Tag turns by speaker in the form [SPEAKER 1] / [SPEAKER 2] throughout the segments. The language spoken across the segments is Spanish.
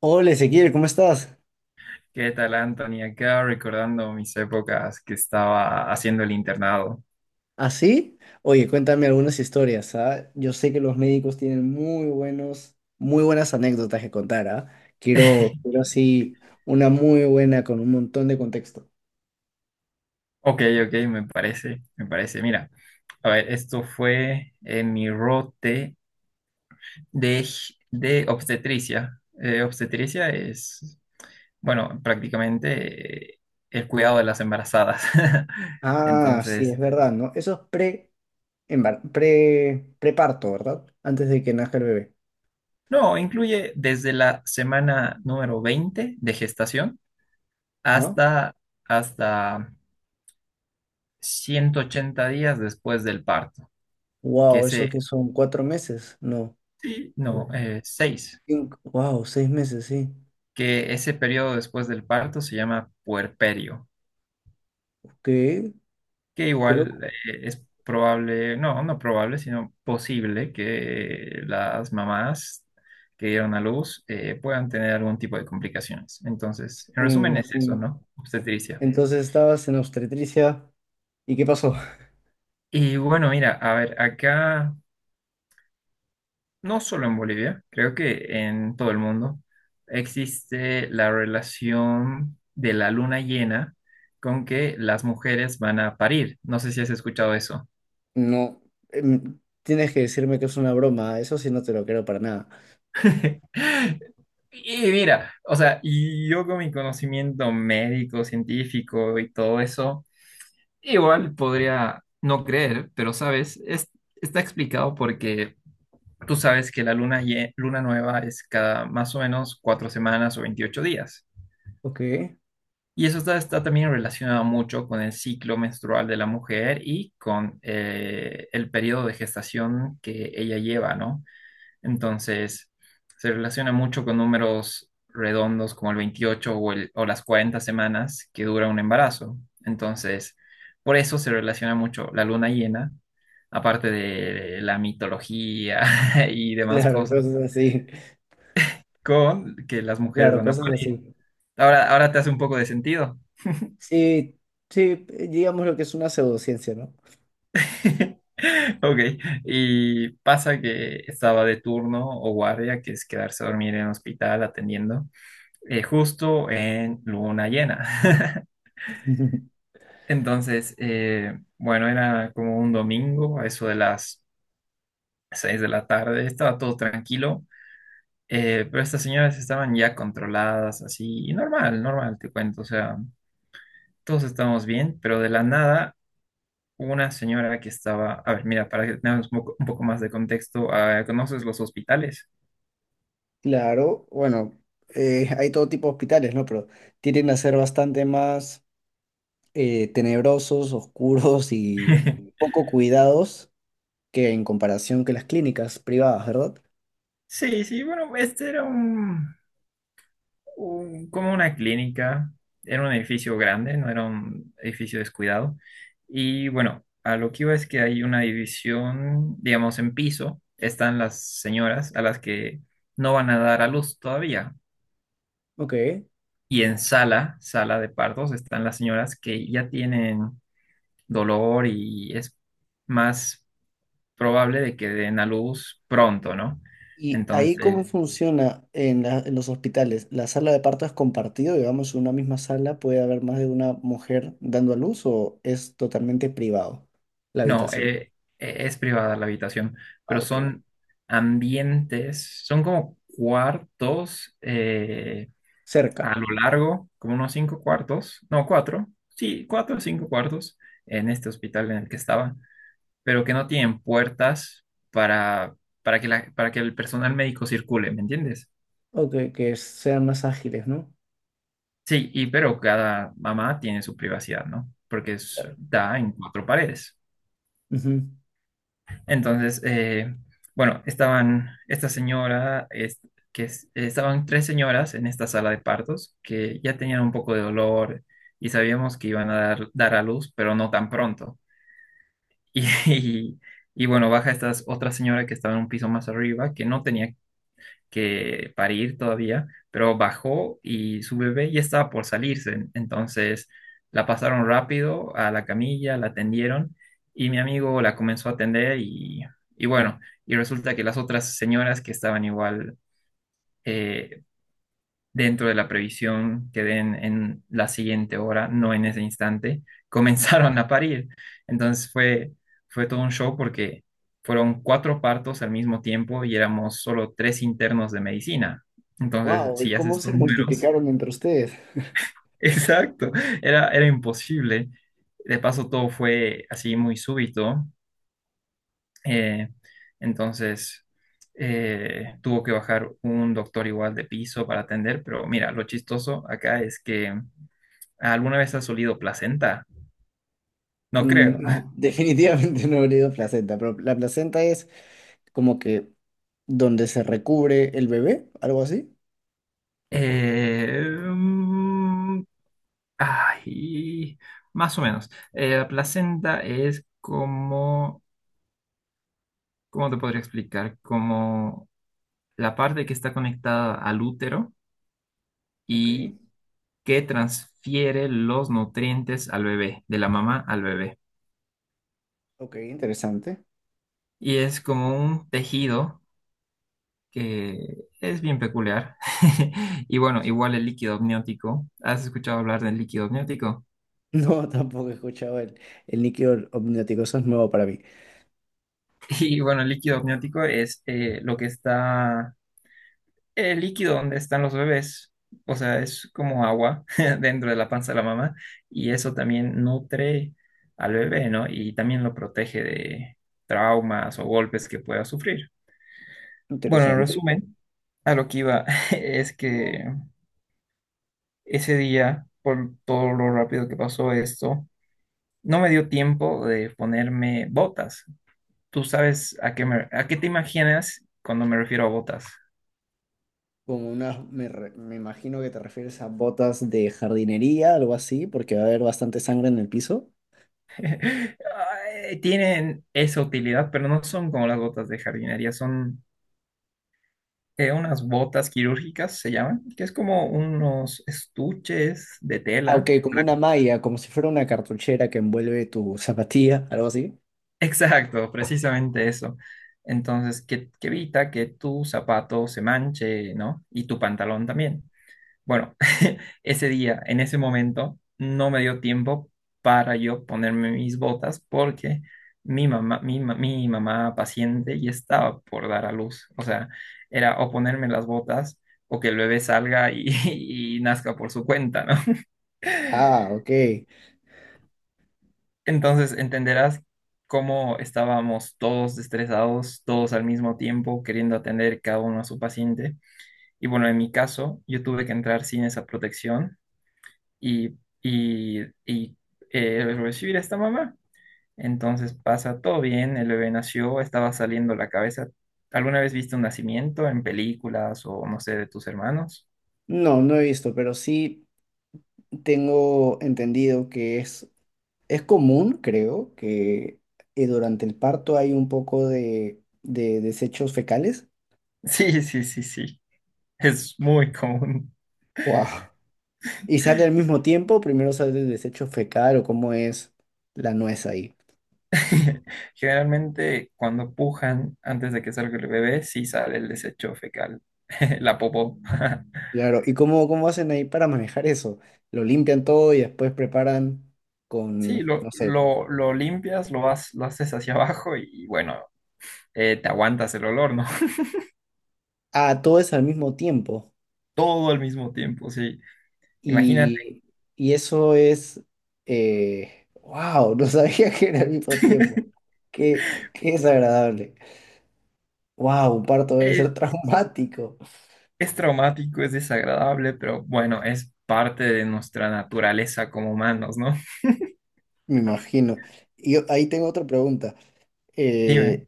[SPEAKER 1] Hola Ezequiel, ¿cómo estás?
[SPEAKER 2] ¿Qué tal, Anthony? Acá recordando mis épocas que estaba haciendo el internado.
[SPEAKER 1] ¿Así? Oye, cuéntame algunas historias, ¿ah? Yo sé que los médicos tienen muy buenos, muy buenas anécdotas que contar, ¿ah? Quiero así una muy buena con un montón de contexto.
[SPEAKER 2] Ok, ok, me parece, me parece. Mira, a ver, esto fue en mi rote de obstetricia. Obstetricia es, bueno, prácticamente el cuidado de las embarazadas.
[SPEAKER 1] Ah, sí, es
[SPEAKER 2] Entonces,
[SPEAKER 1] verdad, ¿no? Eso es preparto, ¿verdad? Antes de que nazca el bebé.
[SPEAKER 2] no, incluye desde la semana número 20 de gestación
[SPEAKER 1] Ajá.
[SPEAKER 2] hasta, hasta 180 días después del parto, que
[SPEAKER 1] Wow, ¿eso
[SPEAKER 2] ese,
[SPEAKER 1] que son? ¿Cuatro meses? No.
[SPEAKER 2] Sí. No, seis.
[SPEAKER 1] Cinco, wow, seis meses, sí.
[SPEAKER 2] Que ese periodo después del parto se llama puerperio,
[SPEAKER 1] ¿Qué?
[SPEAKER 2] que
[SPEAKER 1] Qué loco.
[SPEAKER 2] igual es probable, no, no probable, sino posible que las mamás que dieron a luz puedan tener algún tipo de complicaciones. Entonces, en
[SPEAKER 1] Sí, me
[SPEAKER 2] resumen es eso,
[SPEAKER 1] imagino.
[SPEAKER 2] ¿no? Obstetricia.
[SPEAKER 1] Entonces estabas en obstetricia. ¿Y qué pasó?
[SPEAKER 2] Y bueno, mira, a ver, acá no solo en Bolivia, creo que en todo el mundo existe la relación de la luna llena con que las mujeres van a parir. No sé si has escuchado eso.
[SPEAKER 1] No, tienes que decirme que es una broma, eso sí no te lo creo para nada.
[SPEAKER 2] Y mira, o sea, y yo con mi conocimiento médico, científico y todo eso, igual podría no creer, pero sabes, está explicado porque tú sabes que la luna nueva es cada más o menos 4 semanas o 28 días.
[SPEAKER 1] Ok.
[SPEAKER 2] Y eso está también relacionado mucho con el ciclo menstrual de la mujer y con el periodo de gestación que ella lleva, ¿no? Entonces, se relaciona mucho con números redondos como el 28 o las 40 semanas que dura un embarazo. Entonces, por eso se relaciona mucho la luna llena, aparte de la mitología y demás
[SPEAKER 1] Claro,
[SPEAKER 2] cosas,
[SPEAKER 1] cosas así,
[SPEAKER 2] con que las mujeres
[SPEAKER 1] claro,
[SPEAKER 2] van a
[SPEAKER 1] cosas
[SPEAKER 2] parir.
[SPEAKER 1] así.
[SPEAKER 2] Ahora, ahora te hace un poco de sentido.
[SPEAKER 1] Sí, sí, digamos lo que es una pseudociencia, ¿no?
[SPEAKER 2] Ok, y pasa que estaba de turno o guardia, que es quedarse a dormir en el hospital atendiendo, justo en luna llena. Entonces, bueno, era como un domingo, a eso de las 6 de la tarde, estaba todo tranquilo, pero estas señoras estaban ya controladas, así, y normal, normal, te cuento, o sea, todos estábamos bien, pero de la nada una señora que estaba, a ver, mira, para que tengamos un poco más de contexto, ah, ¿conoces los hospitales?
[SPEAKER 1] Claro, bueno, hay todo tipo de hospitales, ¿no? Pero tienden a ser bastante más tenebrosos, oscuros y poco cuidados que en comparación que las clínicas privadas, ¿verdad?
[SPEAKER 2] Sí, sí, bueno, este era como una clínica, era un edificio grande, no era un edificio descuidado. Y bueno, a lo que iba es que hay una división, digamos, en piso, están las señoras a las que no van a dar a luz todavía.
[SPEAKER 1] Ok.
[SPEAKER 2] Y en sala de partos, están las señoras que ya tienen dolor y es más probable de que den a luz pronto, ¿no?
[SPEAKER 1] ¿Y ahí cómo
[SPEAKER 2] Entonces,
[SPEAKER 1] funciona en los hospitales? ¿La sala de parto es compartido? Digamos, en una misma sala puede haber más de una mujer dando a luz o es totalmente privado la
[SPEAKER 2] no,
[SPEAKER 1] habitación.
[SPEAKER 2] es privada la habitación,
[SPEAKER 1] Ah,
[SPEAKER 2] pero
[SPEAKER 1] ok.
[SPEAKER 2] son ambientes, son como cuartos
[SPEAKER 1] Cerca.
[SPEAKER 2] a lo largo, como unos cinco cuartos, no, cuatro, sí, cuatro o cinco cuartos en este hospital en el que estaba, pero que no tienen puertas para, para que el personal médico circule, ¿me entiendes?
[SPEAKER 1] Ok, que sean más ágiles, ¿no?
[SPEAKER 2] Sí, y pero cada mamá tiene su privacidad, ¿no? Porque
[SPEAKER 1] Claro.
[SPEAKER 2] da en cuatro paredes. Entonces, bueno, estaban esta señora, es- que es- estaban tres señoras en esta sala de partos que ya tenían un poco de dolor y sabíamos que iban a dar a luz, pero no tan pronto. Y, y, y bueno, baja esta otra señora que estaba en un piso más arriba, que no tenía que parir todavía, pero bajó y su bebé ya estaba por salirse. Entonces la pasaron rápido a la camilla, la atendieron y mi amigo la comenzó a atender y bueno, y resulta que las otras señoras que estaban igual eh, dentro de la previsión que den en la siguiente hora, no en ese instante, comenzaron a parir. Entonces fue todo un show porque fueron cuatro partos al mismo tiempo y éramos solo tres internos de medicina. Entonces,
[SPEAKER 1] Wow, ¿y
[SPEAKER 2] si
[SPEAKER 1] cómo
[SPEAKER 2] haces
[SPEAKER 1] se
[SPEAKER 2] tus números,
[SPEAKER 1] multiplicaron entre ustedes?
[SPEAKER 2] exacto, era imposible. De paso, todo fue así muy súbito. eh, entonces, tuvo que bajar un doctor igual de piso para atender, pero mira, lo chistoso acá es que ¿Alguna vez has olido placenta? No
[SPEAKER 1] Mm,
[SPEAKER 2] creo.
[SPEAKER 1] no, definitivamente no habría ido placenta, pero la placenta es como que donde se recubre el bebé, algo así.
[SPEAKER 2] Eh, mm, Ay, más o menos. La placenta es como, ¿cómo te podría explicar? Como la parte que está conectada al útero
[SPEAKER 1] Ok,
[SPEAKER 2] y que transfiere los nutrientes al bebé, de la mamá al bebé.
[SPEAKER 1] ok, interesante.
[SPEAKER 2] Y es como un tejido que es bien peculiar. Y bueno, igual el líquido amniótico. ¿Has escuchado hablar del líquido amniótico?
[SPEAKER 1] No, tampoco he escuchado el níquel omniótico, eso es nuevo para mí.
[SPEAKER 2] Y bueno, el líquido amniótico es el líquido donde están los bebés, o sea, es como agua dentro de la panza de la mamá y eso también nutre al bebé, ¿no? Y también lo protege de traumas o golpes que pueda sufrir. Bueno, en
[SPEAKER 1] Interesante.
[SPEAKER 2] resumen, a lo que iba es que ese día, por todo lo rápido que pasó esto, no me dio tiempo de ponerme botas. ¿Tú sabes a qué a qué te imaginas cuando me refiero a botas?
[SPEAKER 1] Como unas, me imagino que te refieres a botas de jardinería, algo así, porque va a haber bastante sangre en el piso.
[SPEAKER 2] Ay, tienen esa utilidad, pero no son como las botas de jardinería, son unas botas quirúrgicas, se llaman, que es como unos estuches de
[SPEAKER 1] Ah, ok,
[SPEAKER 2] tela.
[SPEAKER 1] como una malla, como si fuera una cartuchera que envuelve tu zapatilla, algo así.
[SPEAKER 2] Exacto, precisamente eso. Entonces, que evita que tu zapato se manche, ¿no? Y tu pantalón también. Bueno, ese día, en ese momento, no me dio tiempo para yo ponerme mis botas porque mi mamá paciente ya estaba por dar a luz. O sea, era o ponerme las botas o que el bebé salga y, y nazca por su cuenta, ¿no?
[SPEAKER 1] Ah, ok.
[SPEAKER 2] Entonces entenderás cómo estábamos todos estresados, todos al mismo tiempo, queriendo atender cada uno a su paciente. Y bueno, en mi caso, yo tuve que entrar sin esa protección y recibir a esta mamá. Entonces pasa todo bien, el bebé nació, estaba saliendo la cabeza. ¿Alguna vez viste un nacimiento en películas o no sé, de tus hermanos?
[SPEAKER 1] No, no he visto, pero sí tengo entendido que es común, creo, que durante el parto hay un poco de desechos fecales.
[SPEAKER 2] Sí, sí, sí, sí, es muy común.
[SPEAKER 1] Wow. ¿Y sale al mismo tiempo? ¿Primero sale el desecho fecal o cómo es la nuez ahí?
[SPEAKER 2] Generalmente cuando pujan antes de que salga el bebé, sí sale el desecho fecal, la popó.
[SPEAKER 1] Claro, ¿y cómo hacen ahí para manejar eso? ¿Lo limpian todo y después preparan
[SPEAKER 2] Sí,
[SPEAKER 1] con,
[SPEAKER 2] lo,
[SPEAKER 1] no sé,
[SPEAKER 2] lo, lo limpias, vas, lo haces hacia abajo y bueno, te aguantas el olor, ¿no?
[SPEAKER 1] ah, todo es al mismo tiempo?
[SPEAKER 2] Todo al mismo tiempo, sí. Imagínate,
[SPEAKER 1] Y, y eso es, wow, no sabía que era al mismo tiempo. Qué, qué desagradable. Wow, un parto debe ser
[SPEAKER 2] es,
[SPEAKER 1] traumático,
[SPEAKER 2] es traumático, es desagradable, pero bueno, es parte de nuestra naturaleza como humanos, ¿no?
[SPEAKER 1] me imagino. Y yo- ahí tengo otra pregunta. Eh,
[SPEAKER 2] Dime.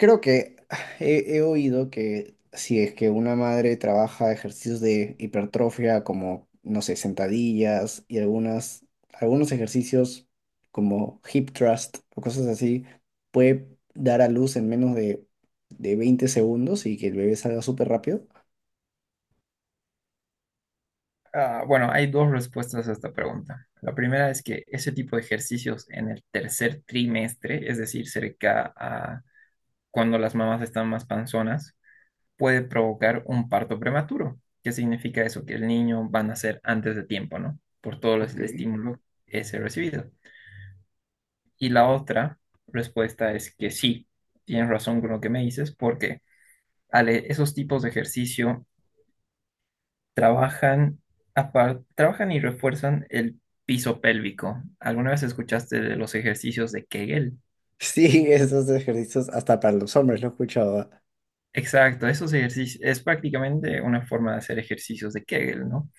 [SPEAKER 1] Creo que he oído que si es que una madre trabaja ejercicios de hipertrofia como, no sé, sentadillas y algunos ejercicios como hip thrust o cosas así, puede dar a luz en menos de 20 segundos y que el bebé salga súper rápido.
[SPEAKER 2] Ah, bueno, hay dos respuestas a esta pregunta. La primera es que ese tipo de ejercicios en el tercer trimestre, es decir, cerca a cuando las mamás están más panzonas, puede provocar un parto prematuro. ¿Qué significa eso? Que el niño va a nacer antes de tiempo, ¿no? Por todo
[SPEAKER 1] Ok.
[SPEAKER 2] el estímulo ese recibido. Y la otra respuesta es que sí, tienes razón con lo que me dices, porque Ale, esos tipos de ejercicio trabajan, trabajan y refuerzan el piso pélvico. ¿Alguna vez escuchaste de los ejercicios de Kegel?
[SPEAKER 1] Sí, esos ejercicios hasta para los hombres lo he escuchado. Ah.
[SPEAKER 2] Exacto, esos ejercicios es prácticamente una forma de hacer ejercicios de Kegel, ¿no?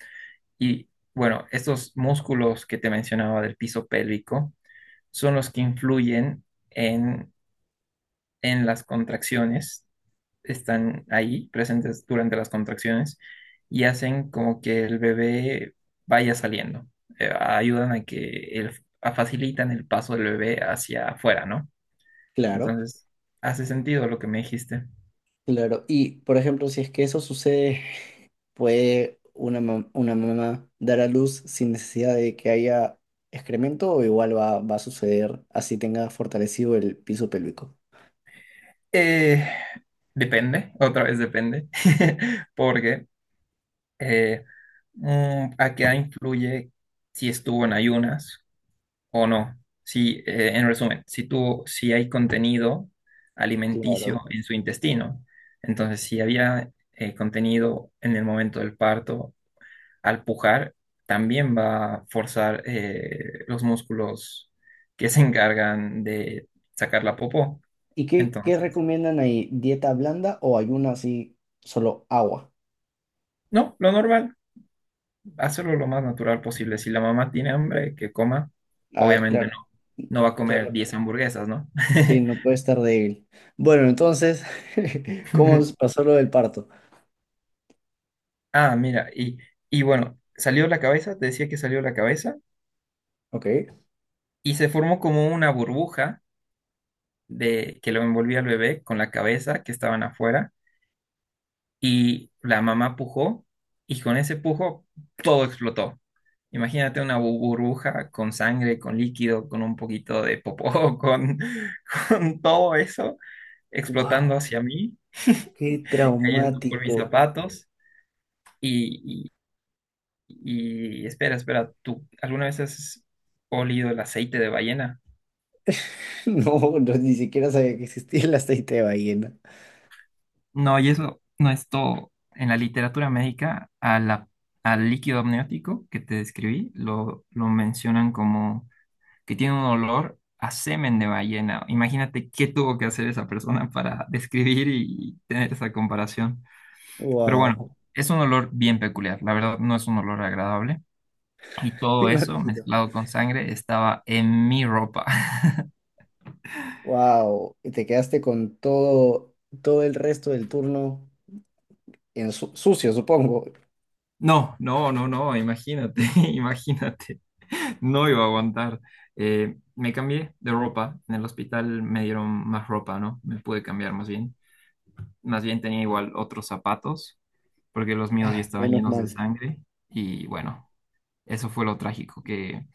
[SPEAKER 2] Y bueno, estos músculos que te mencionaba del piso pélvico son los que influyen en, en las contracciones están ahí presentes durante las contracciones y hacen como que el bebé vaya saliendo. Ayudan a que facilitan el paso del bebé hacia afuera, ¿no?
[SPEAKER 1] Claro.
[SPEAKER 2] Entonces, hace sentido lo que me dijiste.
[SPEAKER 1] Claro, y por ejemplo, si es que eso sucede, ¿puede una mamá dar a luz sin necesidad de que haya excremento o igual va a suceder así tenga fortalecido el piso pélvico?
[SPEAKER 2] Eh, Depende, otra vez depende, porque eh, a qué influye si estuvo en ayunas o no. Si, en resumen, si hay contenido alimenticio
[SPEAKER 1] Claro.
[SPEAKER 2] en su intestino, entonces si había contenido en el momento del parto, al pujar, también va a forzar los músculos que se encargan de sacar la popó.
[SPEAKER 1] ¿Y qué
[SPEAKER 2] Entonces,
[SPEAKER 1] recomiendan ahí? ¿Dieta blanda o ayuno así, solo agua?
[SPEAKER 2] no, lo normal, hacerlo lo más natural posible. Si la mamá tiene hambre, que coma.
[SPEAKER 1] Ah,
[SPEAKER 2] Obviamente no,
[SPEAKER 1] claro,
[SPEAKER 2] no va a comer
[SPEAKER 1] claro.
[SPEAKER 2] 10 hamburguesas, ¿no?
[SPEAKER 1] Sí, no puede estar débil. Bueno, entonces, ¿cómo pasó lo del parto?
[SPEAKER 2] Ah, mira, y, bueno, salió la cabeza, te decía que salió la cabeza,
[SPEAKER 1] Ok.
[SPEAKER 2] y se formó como una burbuja de que lo envolvía al bebé con la cabeza que estaban afuera, y la mamá pujó, y con ese pujo todo explotó. Imagínate una burbuja con sangre, con líquido, con un poquito de popó, con todo eso explotando
[SPEAKER 1] Wow,
[SPEAKER 2] hacia mí,
[SPEAKER 1] qué
[SPEAKER 2] cayendo por mis
[SPEAKER 1] traumático.
[SPEAKER 2] zapatos. Y espera, espera, ¿tú alguna vez has olido el aceite de ballena?
[SPEAKER 1] No, no, ni siquiera sabía que existía el aceite de ballena.
[SPEAKER 2] No, y eso no es todo. En la literatura médica, al líquido amniótico que te describí, lo mencionan como que tiene un olor a semen de ballena. Imagínate qué tuvo que hacer esa persona para describir y tener esa comparación. Pero bueno,
[SPEAKER 1] Wow.
[SPEAKER 2] es un olor bien peculiar. La verdad, no es un olor agradable. Y
[SPEAKER 1] Me
[SPEAKER 2] todo eso
[SPEAKER 1] imagino.
[SPEAKER 2] mezclado con sangre estaba en mi ropa.
[SPEAKER 1] Wow. Y te quedaste con todo, todo el resto del turno en su- sucio, supongo.
[SPEAKER 2] No, no, no, no, imagínate, imagínate, no iba a aguantar. Me cambié de ropa, en el hospital me dieron más ropa, ¿no? Me pude cambiar más bien. Más bien tenía igual otros zapatos, porque los míos ya
[SPEAKER 1] Ah,
[SPEAKER 2] estaban
[SPEAKER 1] menos
[SPEAKER 2] llenos de
[SPEAKER 1] mal.
[SPEAKER 2] sangre. Y bueno, eso fue lo trágico, que,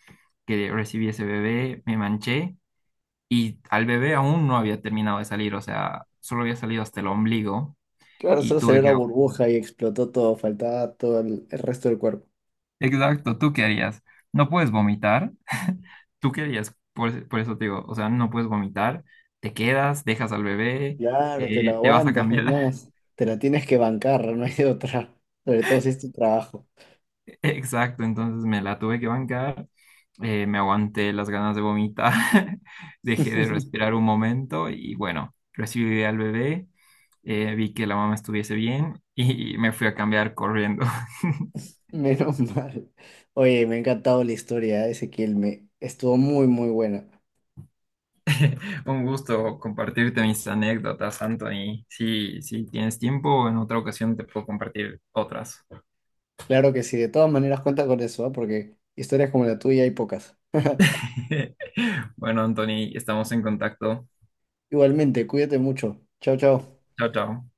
[SPEAKER 2] que recibí ese bebé, me manché y al bebé aún no había terminado de salir, o sea, solo había salido hasta el ombligo
[SPEAKER 1] Claro,
[SPEAKER 2] y
[SPEAKER 1] solo
[SPEAKER 2] tuve
[SPEAKER 1] salió
[SPEAKER 2] que.
[SPEAKER 1] la burbuja y explotó todo. Faltaba todo el resto del cuerpo.
[SPEAKER 2] Exacto, ¿tú qué harías? No puedes vomitar. ¿Tú qué harías? Por eso te digo, o sea, no puedes vomitar, te quedas, dejas al bebé,
[SPEAKER 1] Claro, te la
[SPEAKER 2] te vas a
[SPEAKER 1] aguantas
[SPEAKER 2] cambiar.
[SPEAKER 1] nomás. Te la tienes que bancar, no hay de otra. Sobre todo si es tu trabajo.
[SPEAKER 2] Exacto, entonces me la tuve que bancar, me aguanté las ganas de vomitar, dejé de respirar un momento y bueno, recibí al bebé, vi que la mamá estuviese bien y me fui a cambiar corriendo.
[SPEAKER 1] Menos mal. Oye, me ha encantado la historia, ¿eh? Ezequiel. Me estuvo muy, muy buena.
[SPEAKER 2] Un gusto compartirte mis anécdotas, Anthony. Si tienes tiempo, en otra ocasión te puedo compartir otras.
[SPEAKER 1] Claro que sí, de todas maneras cuenta con eso, ¿ah? Porque historias como la tuya hay pocas.
[SPEAKER 2] Bueno, Anthony, estamos en contacto.
[SPEAKER 1] Igualmente, cuídate mucho. Chao, chao.
[SPEAKER 2] Chao, chao.